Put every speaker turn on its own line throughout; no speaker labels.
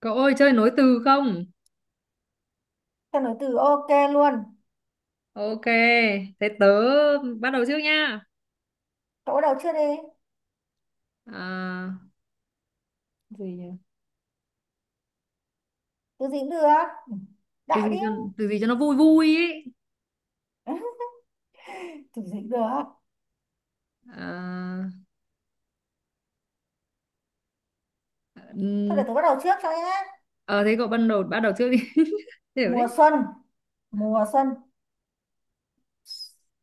Cậu ơi chơi nối từ không?
Tao nói từ ok luôn.
Ok, thế tớ bắt đầu trước nha.
Cậu bắt đầu chưa đi?
À, gì nhỉ?
Từ gì cũng được. Ừ,
Từ
đại
gì
đi.
cho từ gì cho nó vui vui ấy.
Từ gì cũng được.
À,
Thôi để
ừm,
tôi bắt đầu trước cho nhé.
ờ, thế cậu bắt đầu trước đi. Hiểu
Mùa
đấy.
xuân. Mùa xuân.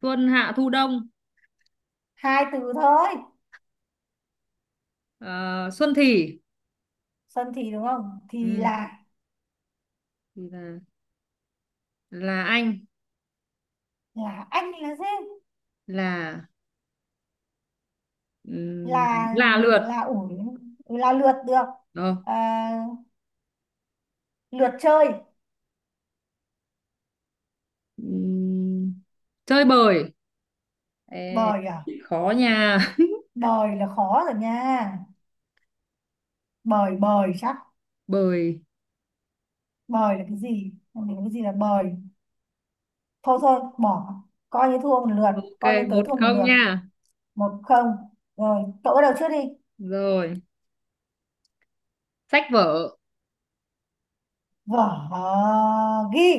Xuân hạ thu đông.
Hai từ thôi.
Ờ, Xuân thì
Xuân thì đúng không? Thì
ừ,
là
thì là anh
là anh là gì?
là
Là
là lượt.
là ủi là lượt được.
Ờ,
À, lượt chơi.
ừm, chơi bời. Ê,
Bời à?
khó nha.
Bời là khó rồi nha. Bời bời chắc.
Bời.
Bời là cái gì? Không hiểu cái gì là bời. Thôi thôi bỏ, coi như thua một lượt
Ok,
coi như tớ
một
thua một
không
lượt.
nha.
Một không, rồi cậu bắt đầu trước đi.
Rồi. Sách vở,
Vở, ghi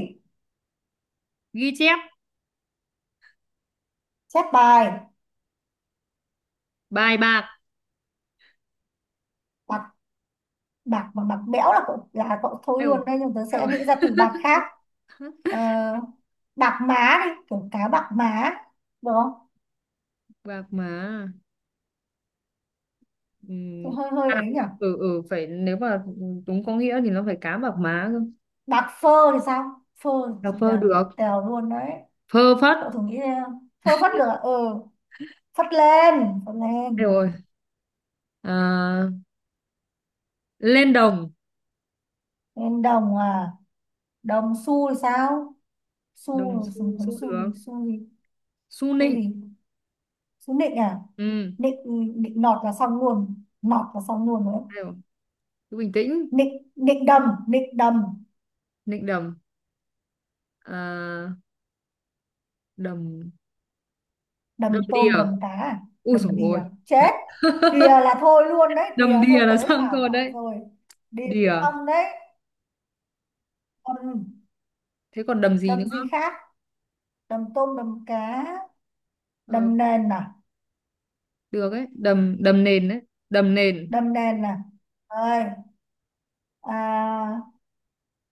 ghi chép,
chép, bài
bài bạc.
bạc. Bạc mà bạc bẽo là cậu thôi
Ai dồi,
luôn đấy, nhưng tớ
ai
sẽ
dồi,
nghĩ ra từ bạc khác. Ờ, Bạc má đi, kiểu cá bạc má, được không?
bạc má.
Thì
Ừm,
hơi hơi
à,
ấy nhỉ.
ừ phải, nếu mà đúng có nghĩa thì nó phải cá bạc má cơ.
Bạc phơ thì sao? Phơ
Đọc phơ
là cậu
được.
tèo luôn đấy,
Phơ phất.
cậu thử nghĩ ra. Phơ phất được à? Ừ, phất lên, phất
Ai
lên.
rồi, à, lên đồng.
Lên đồng à? Đồng xu thì sao?
Đồng
Xô rồi,
xu,
xô
xu
xô.
được.
Gì, xô gì,
Xu
xô
nịnh.
gì? Xô nịnh à?
Ừ.
Nịnh, nịnh nọt là xong luôn, rồi đấy.
Ai dồi, cứ bình tĩnh.
Nịnh, nịnh đầm, nịnh đầm.
Nịnh đồng, à, đồng
Đầm
đầm đìa.
tôm, đầm cá à?
Ui dồi
Đầm đìa
ôi.
chết. Đìa là thôi luôn đấy, đìa
Đầm đìa
thôi,
là
tới
xong
bảo
thôi
cọ
đấy.
rồi. Đìa,
Đìa.
xong đấy. đầm
Thế còn đầm gì nữa?
đầm gì khác? Đầm tôm, đầm cá.
Ờ,
Đầm nền à?
được ấy, đầm đầm nền đấy. Đầm nền.
đầm nền à Ơi, à,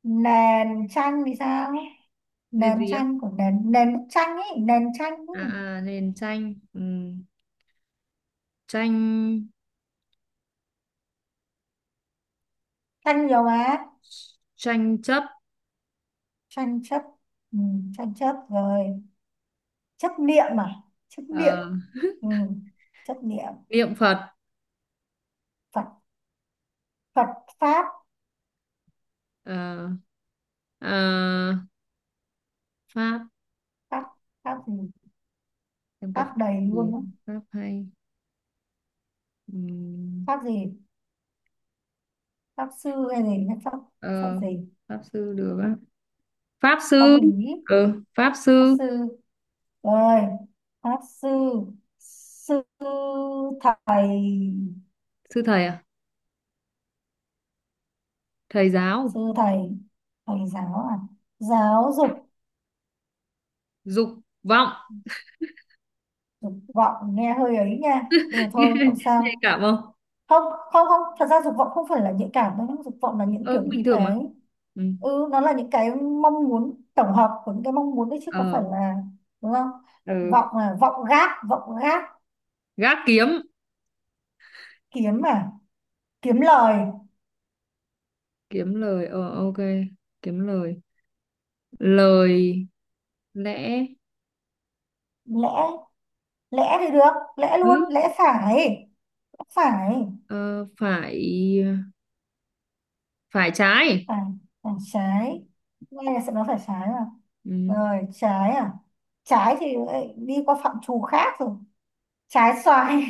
nền chanh thì sao?
Nền
Nền
gì á?
chanh của nền nền bức chanh ấy, nền chanh ấy.
À, à nền tranh. Ừm, tranh,
Tranh nhiều mà.
tranh chấp.
Tranh chấp. Ừ, tranh chấp rồi. Chấp niệm à? Chấp niệm.
Ờ,
Ừ, chấp niệm.
niệm Phật.
Phật. Phật, Pháp.
Ờ, ờ, pháp.
Pháp. Pháp gì?
Em cái
Pháp
pháp
đầy
gì?
luôn á.
Pháp hay. Ừm,
Pháp gì? Pháp sư hay gì? Hay Pháp, pháp
ờ,
gì?
pháp sư được á. Pháp
Pháp
sư.
lý.
Ừ, pháp
Pháp
sư.
sư. Rồi. Pháp sư. Sư thầy.
Sư thầy à? Thầy giáo
Sư thầy. Thầy giáo à? Giáo dục.
dục vọng.
Dục vọng nghe hơi ấy nha. Nhưng mà thôi, không
Nhạy
sao.
cảm không?
Không, không, không, thật ra dục vọng không phải là nhạy cảm đâu nhá. Dục vọng là những
Ờ
kiểu,
bình
những
thường mà.
cái,
Ừ.
ừ, nó là những cái mong muốn, tổng hợp của những cái mong muốn đấy, chứ không
Ờ.
phải là, đúng không?
Ừ.
Vọng là vọng gác, vọng gác,
Gác kiếm.
kiếm à, kiếm lời.
Kiếm lời, ờ ok, kiếm lời. Lời lẽ.
Lẽ lẽ thì được, lẽ luôn,
Ừ,
lẽ phải. Lẽ phải.
ờ, phải, phải trái.
Phải, phải trái. Nghe là sẽ nói phải trái mà.
Ừ.
Rồi trái à, trái thì lại đi qua phạm trù khác rồi. Trái xoài.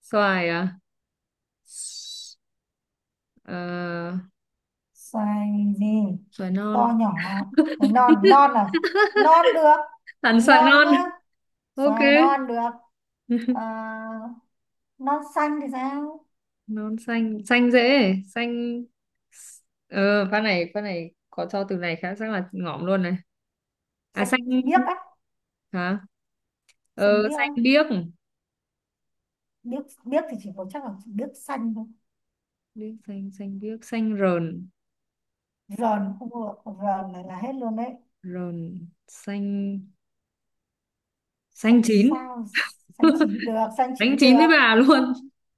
Xoài à? Ờ,
Xoài gì?
xoài non.
To nhỏ à? Xoài non, non à? Non được.
Hẳn xoài
Non
non.
nhá.
Ok.
Xoài non được. À, non xanh thì sao?
Non xanh, xanh dễ. Xanh. Ờ pha này, pha này có cho từ này khá chắc là ngỏm luôn này. À xanh,
Xanh biếc á.
hả,
Xanh
ờ
biếc
xanh
á.
biếc.
Biếc, biếc thì chỉ có, chắc là chỉ biếc xanh thôi.
Biếc xanh, xanh biếc, xanh rờn.
Rờn không được. Rờn này là hết luôn đấy.
Rờn xanh, xanh
Xanh
chín.
sao? Xanh chín được. Xanh
Đánh
chín
chín với
được.
bà luôn.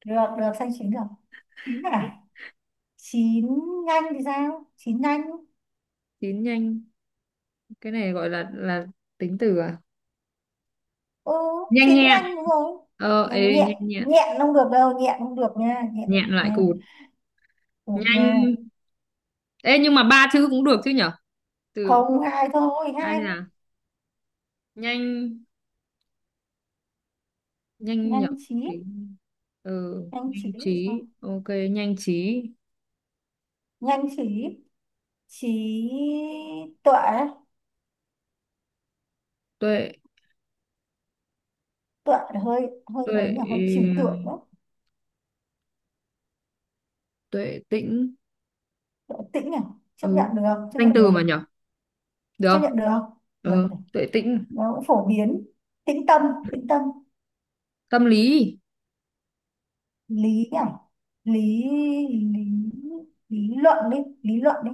Được, được. Xanh chín được. Chín à? Chín nhanh thì sao? Chín nhanh.
Chín nhanh. Cái này gọi là tính từ à?
Ừ,
Nhanh
chín
nhẹn.
nhanh, đúng rồi.
Ờ ê
Nhanh nhẹn.
nhanh nhẹn.
Nhẹn không được đâu, nhẹn không được nha. Nhẹn
Nhẹn lại
nha,
cụt.
được nha.
Nhanh. Ê nhưng mà ba chữ cũng được chứ nhở? Từ
Không, hai thôi.
ai
Hai thôi
là nhanh, nhanh nhở.
Nhanh trí.
Trí. Ừ
Nhanh
nhanh
trí là sao?
trí, ok nhanh trí.
Nhanh trí. Trí tuệ.
Tuệ.
Tuệ là hơi, hơi ấy
Tuệ.
nhỉ, hơi
Ừ,
trừu tượng đó.
tuệ tĩnh.
Tuệ Tĩnh nhỉ. Chấp
Ừ
nhận được, chấp
danh
nhận được,
từ mà nhở, được
chấp
không?
nhận được. Được
Ừ
này,
tuệ tĩnh
nó cũng phổ biến. Tĩnh tâm. Tĩnh tâm,
tâm, lý.
lý nhỉ. Lý, lý lý luận đi, lý luận đi.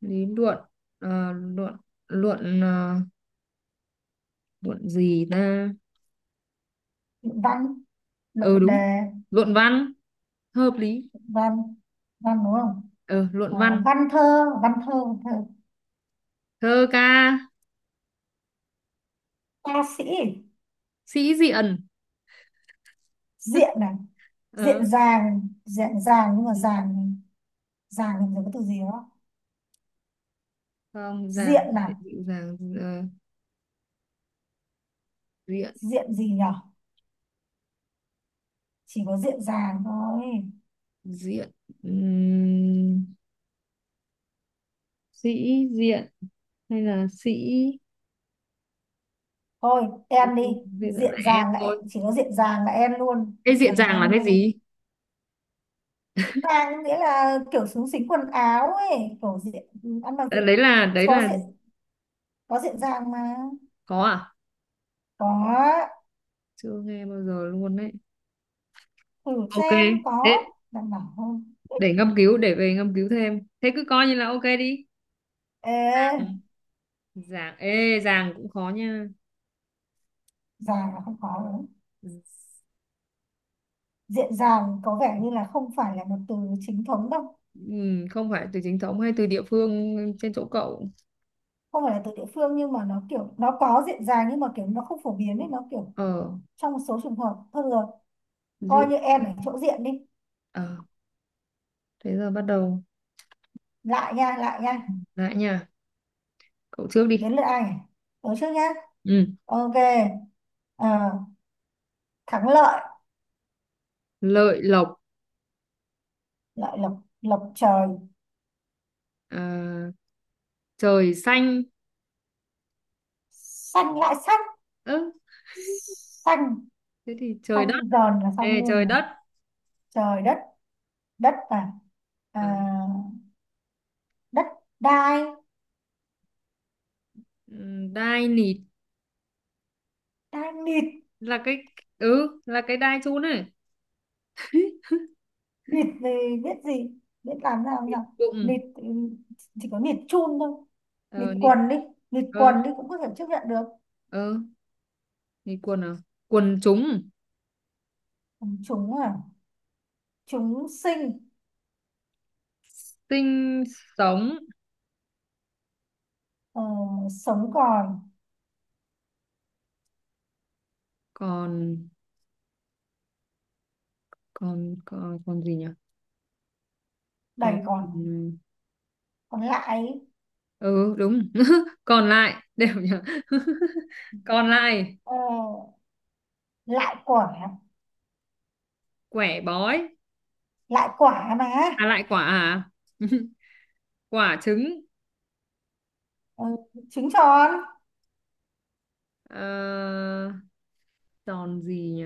Lý luận. Ờ, luận, luận, ờ, luận gì ta?
Luận văn, luận
Ừ đúng,
đề.
luận văn. Hợp lý.
Văn văn đúng không?
Ờ
À,
luận văn
văn thơ, văn thơ, văn thơ.
thơ ca
Ca sĩ,
sĩ diện.
diện này.
Ờ.
Diện dàng, diện dàng nhưng mà
Ừ.
dàng. Dàng thì có cái từ gì đó.
Không
Diện
dàng,
là,
dịu dàng. Ờ, diện,
diện gì nhở? Chỉ có diện dàng thôi.
diện, ừm, sĩ diện hay là sĩ.
Thôi em đi.
Bây giờ là
Diện
em
dàng, lại
thôi.
chỉ có diện dàng là em luôn,
Cái
diện
diện
dàng
dàng là
em
cái
luôn.
gì?
Dàng nghĩa là kiểu xúng xính quần áo ấy, kiểu diện. Ăn mặc
Ờ,
diện.
đấy
Có
là
diện, có diện dàng mà.
có à?
Có,
Chưa nghe bao giờ luôn đấy.
thử
Ok,
xem. Có
thế
đảm bảo không?
để ngâm cứu, để về ngâm cứu thêm, thế cứ coi như là ok đi.
Ê,
Ừ. Giảng, ê giảng cũng khó nha.
giàn là không có đúng. Diện giàn có vẻ như là không phải là một từ chính thống đâu.
Không phải từ chính thống hay từ địa phương trên chỗ cậu?
Không phải là từ địa phương, nhưng mà nó kiểu, nó có diện giàn, nhưng mà kiểu nó không phổ biến ấy, nó kiểu
Ờ
trong một số trường hợp. Thôi được rồi, coi
rượu.
như em ở chỗ diện đi.
Ờ thế giờ bắt đầu
Lại nha, lại nha.
lại nha, cậu trước đi.
Đến lượt ai nhỉ? Tớ trước nhá.
Ừ.
Ok. À, thắng lợi,
Lợi lộc.
lợi lộc, lộc trời.
À, trời xanh.
Xanh lại xanh.
Ớ,
Xanh,
thế thì trời đất.
xanh giòn là xong
Ê,
luôn
trời
này.
đất.
Trời đất. Đất là à, ờ,
À,
đất đai.
đai nịt.
Đai nịt.
Là cái, ừ là cái đai chun này.
Nịt thì biết gì, biết làm ra làm sao? Nịt
Bụng.
thì chỉ có nịt chun thôi. Nịt
Ờ nịt.
quần đi.
Ờ,
Cũng có thể chấp nhận được.
ờ, nịt quần à? Quần chúng
Chúng à, chúng sinh.
sinh. Sống
ờ, Sống còn.
còn. Còn còn gì nhỉ? Còn.
Đầy còn. Còn lại.
Ừ đúng. Còn lại đều nhờ. Còn lại
ờ, Lại quả.
quẻ bói.
Lại quả mà.
À lại quả à? Quả trứng.
Ờ, trứng tròn.
Ờ, tròn gì nhỉ?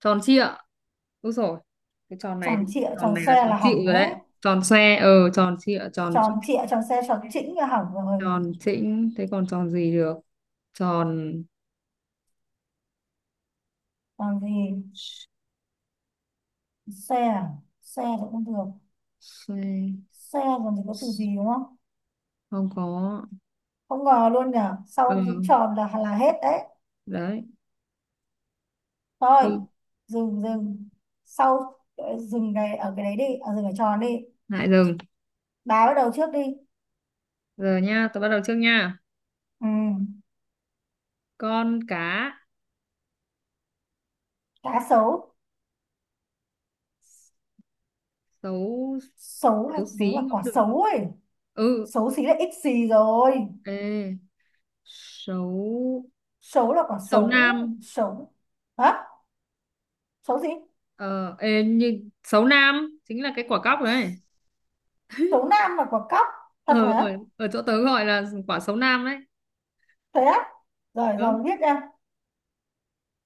Tròn trịa, đúng rồi. Cái tròn này
Tròn
thì
trịa.
tròn
Tròn
này là
xe
tròn
là
trịa
hỏng
rồi đấy.
đấy.
Tròn xoe, ờ tròn trịa, tròn xoe.
Tròn trịa, tròn xe, tròn chỉnh là hỏng rồi.
Tròn chỉnh, thế còn tròn gì được? Tròn
Còn gì? Xe à? Xe thì cũng được.
xoe,
Xe còn gì? Có từ gì đúng không?
không có.
Không ngờ luôn nhở. Sau giữ
Ừ
tròn là hết đấy.
đấy.
Thôi,
Ừ.
dừng dừng. Sau dừng cái ở cái đấy đi, ở dừng ở tròn đi.
Lại dừng.
Bà bắt đầu trước đi.
Giờ nha, tôi bắt đầu trước nha.
Ừ,
Con cá.
cá sấu.
Xấu.
Sấu là
Xấu
giống là
xí
quả
cũng được.
sấu ấy.
Ừ
Xấu xí là ít xì rồi.
ê xấu.
Sấu là quả
Xấu
sấu,
nam.
sấu. Hả? Sấu gì?
Ờ ê, như xấu nam chính là cái quả cóc đấy.
Sấu nam là quả cóc. Thật
Ở
hả?
ở, ở chỗ tớ gọi là quả xấu nam đấy.
Thế á? Rồi
Ừ
rồi, biết nha.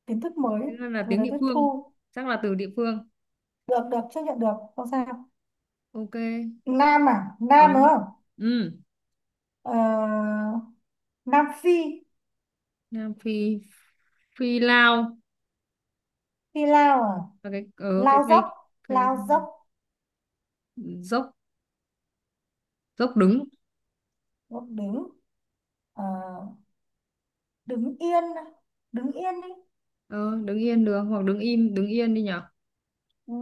Kiến thức mới
thế nên là
vừa
tiếng
mới
địa
tiếp
phương,
thu.
chắc là từ địa phương.
Được, được, chấp nhận được. Không sao.
Ok.
Nam à?
Ừ.
Nam đúng không?
Ừ.
Ờ, Nam Phi.
Nam Phi. Phi lao
Phi Lao à?
là cái ở cái
Lao dốc.
cây, cái
Lao dốc,
dốc. Dốc đứng.
dốc đứng. Ờ, đứng yên. Đứng yên đi.
Ờ, đứng yên được hoặc đứng im, đứng yên đi nhở.
Ừ.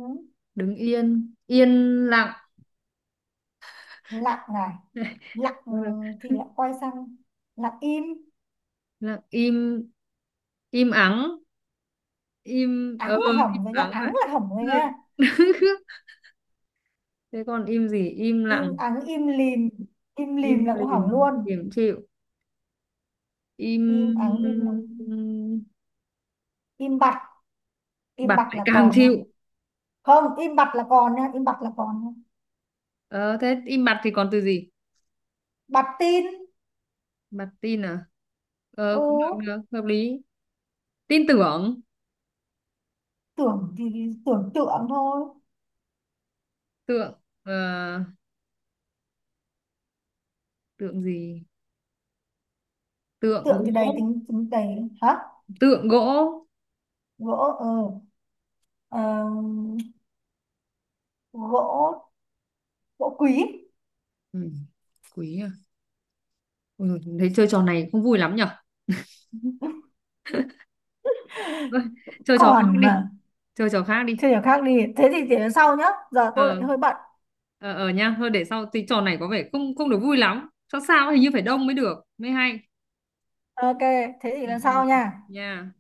Đứng yên, yên lặng.
Lặng này. Lặng, ừ,
Đó là-
thì lại quay sang lặng im.
lặng im, im ắng, im,
Ắng
ờ
là
im
hỏng rồi nha,
ắng vậy. Ừ. Thế còn im gì? Im
im
lặng,
ắng. Im lìm.
im
Là cũng
lìm,
hỏng luôn.
im chịu, im
Im ắng, im bặt. Im
bặt
bặt
lại
là
càng
còn nha.
chịu.
Không, im bặt là còn nha,
Ờ thế im bặt thì còn từ gì?
bặt tin.
Bặt tin à?
Ừ,
Ờ cũng được, được hợp lý. Tin tưởng,
tưởng thì tưởng tượng thôi.
tượng, ờ, tượng gì? Tượng
Tượng thì đầy,
gỗ.
tính tính đầy hả.
Tượng gỗ.
Gỗ. Ờ, ờ, gỗ gỗ quý.
Ừ. Quý à? Ôi, dồi, thấy chơi trò này không vui lắm nhở. Thôi, chơi trò khác
Còn
đi,
mà
chơi trò khác đi.
chưa hiểu. Khác đi, thế thì để lần sau nhá. Giờ tôi lại
ờ
hơi bận.
ờ ờ nha, thôi để sau, thì trò này có vẻ không không được vui lắm, sao sao hình như phải đông mới được mới hay.
Ok, thế thì
Ừ.
lần
Ừ.
sau nha.
Nha.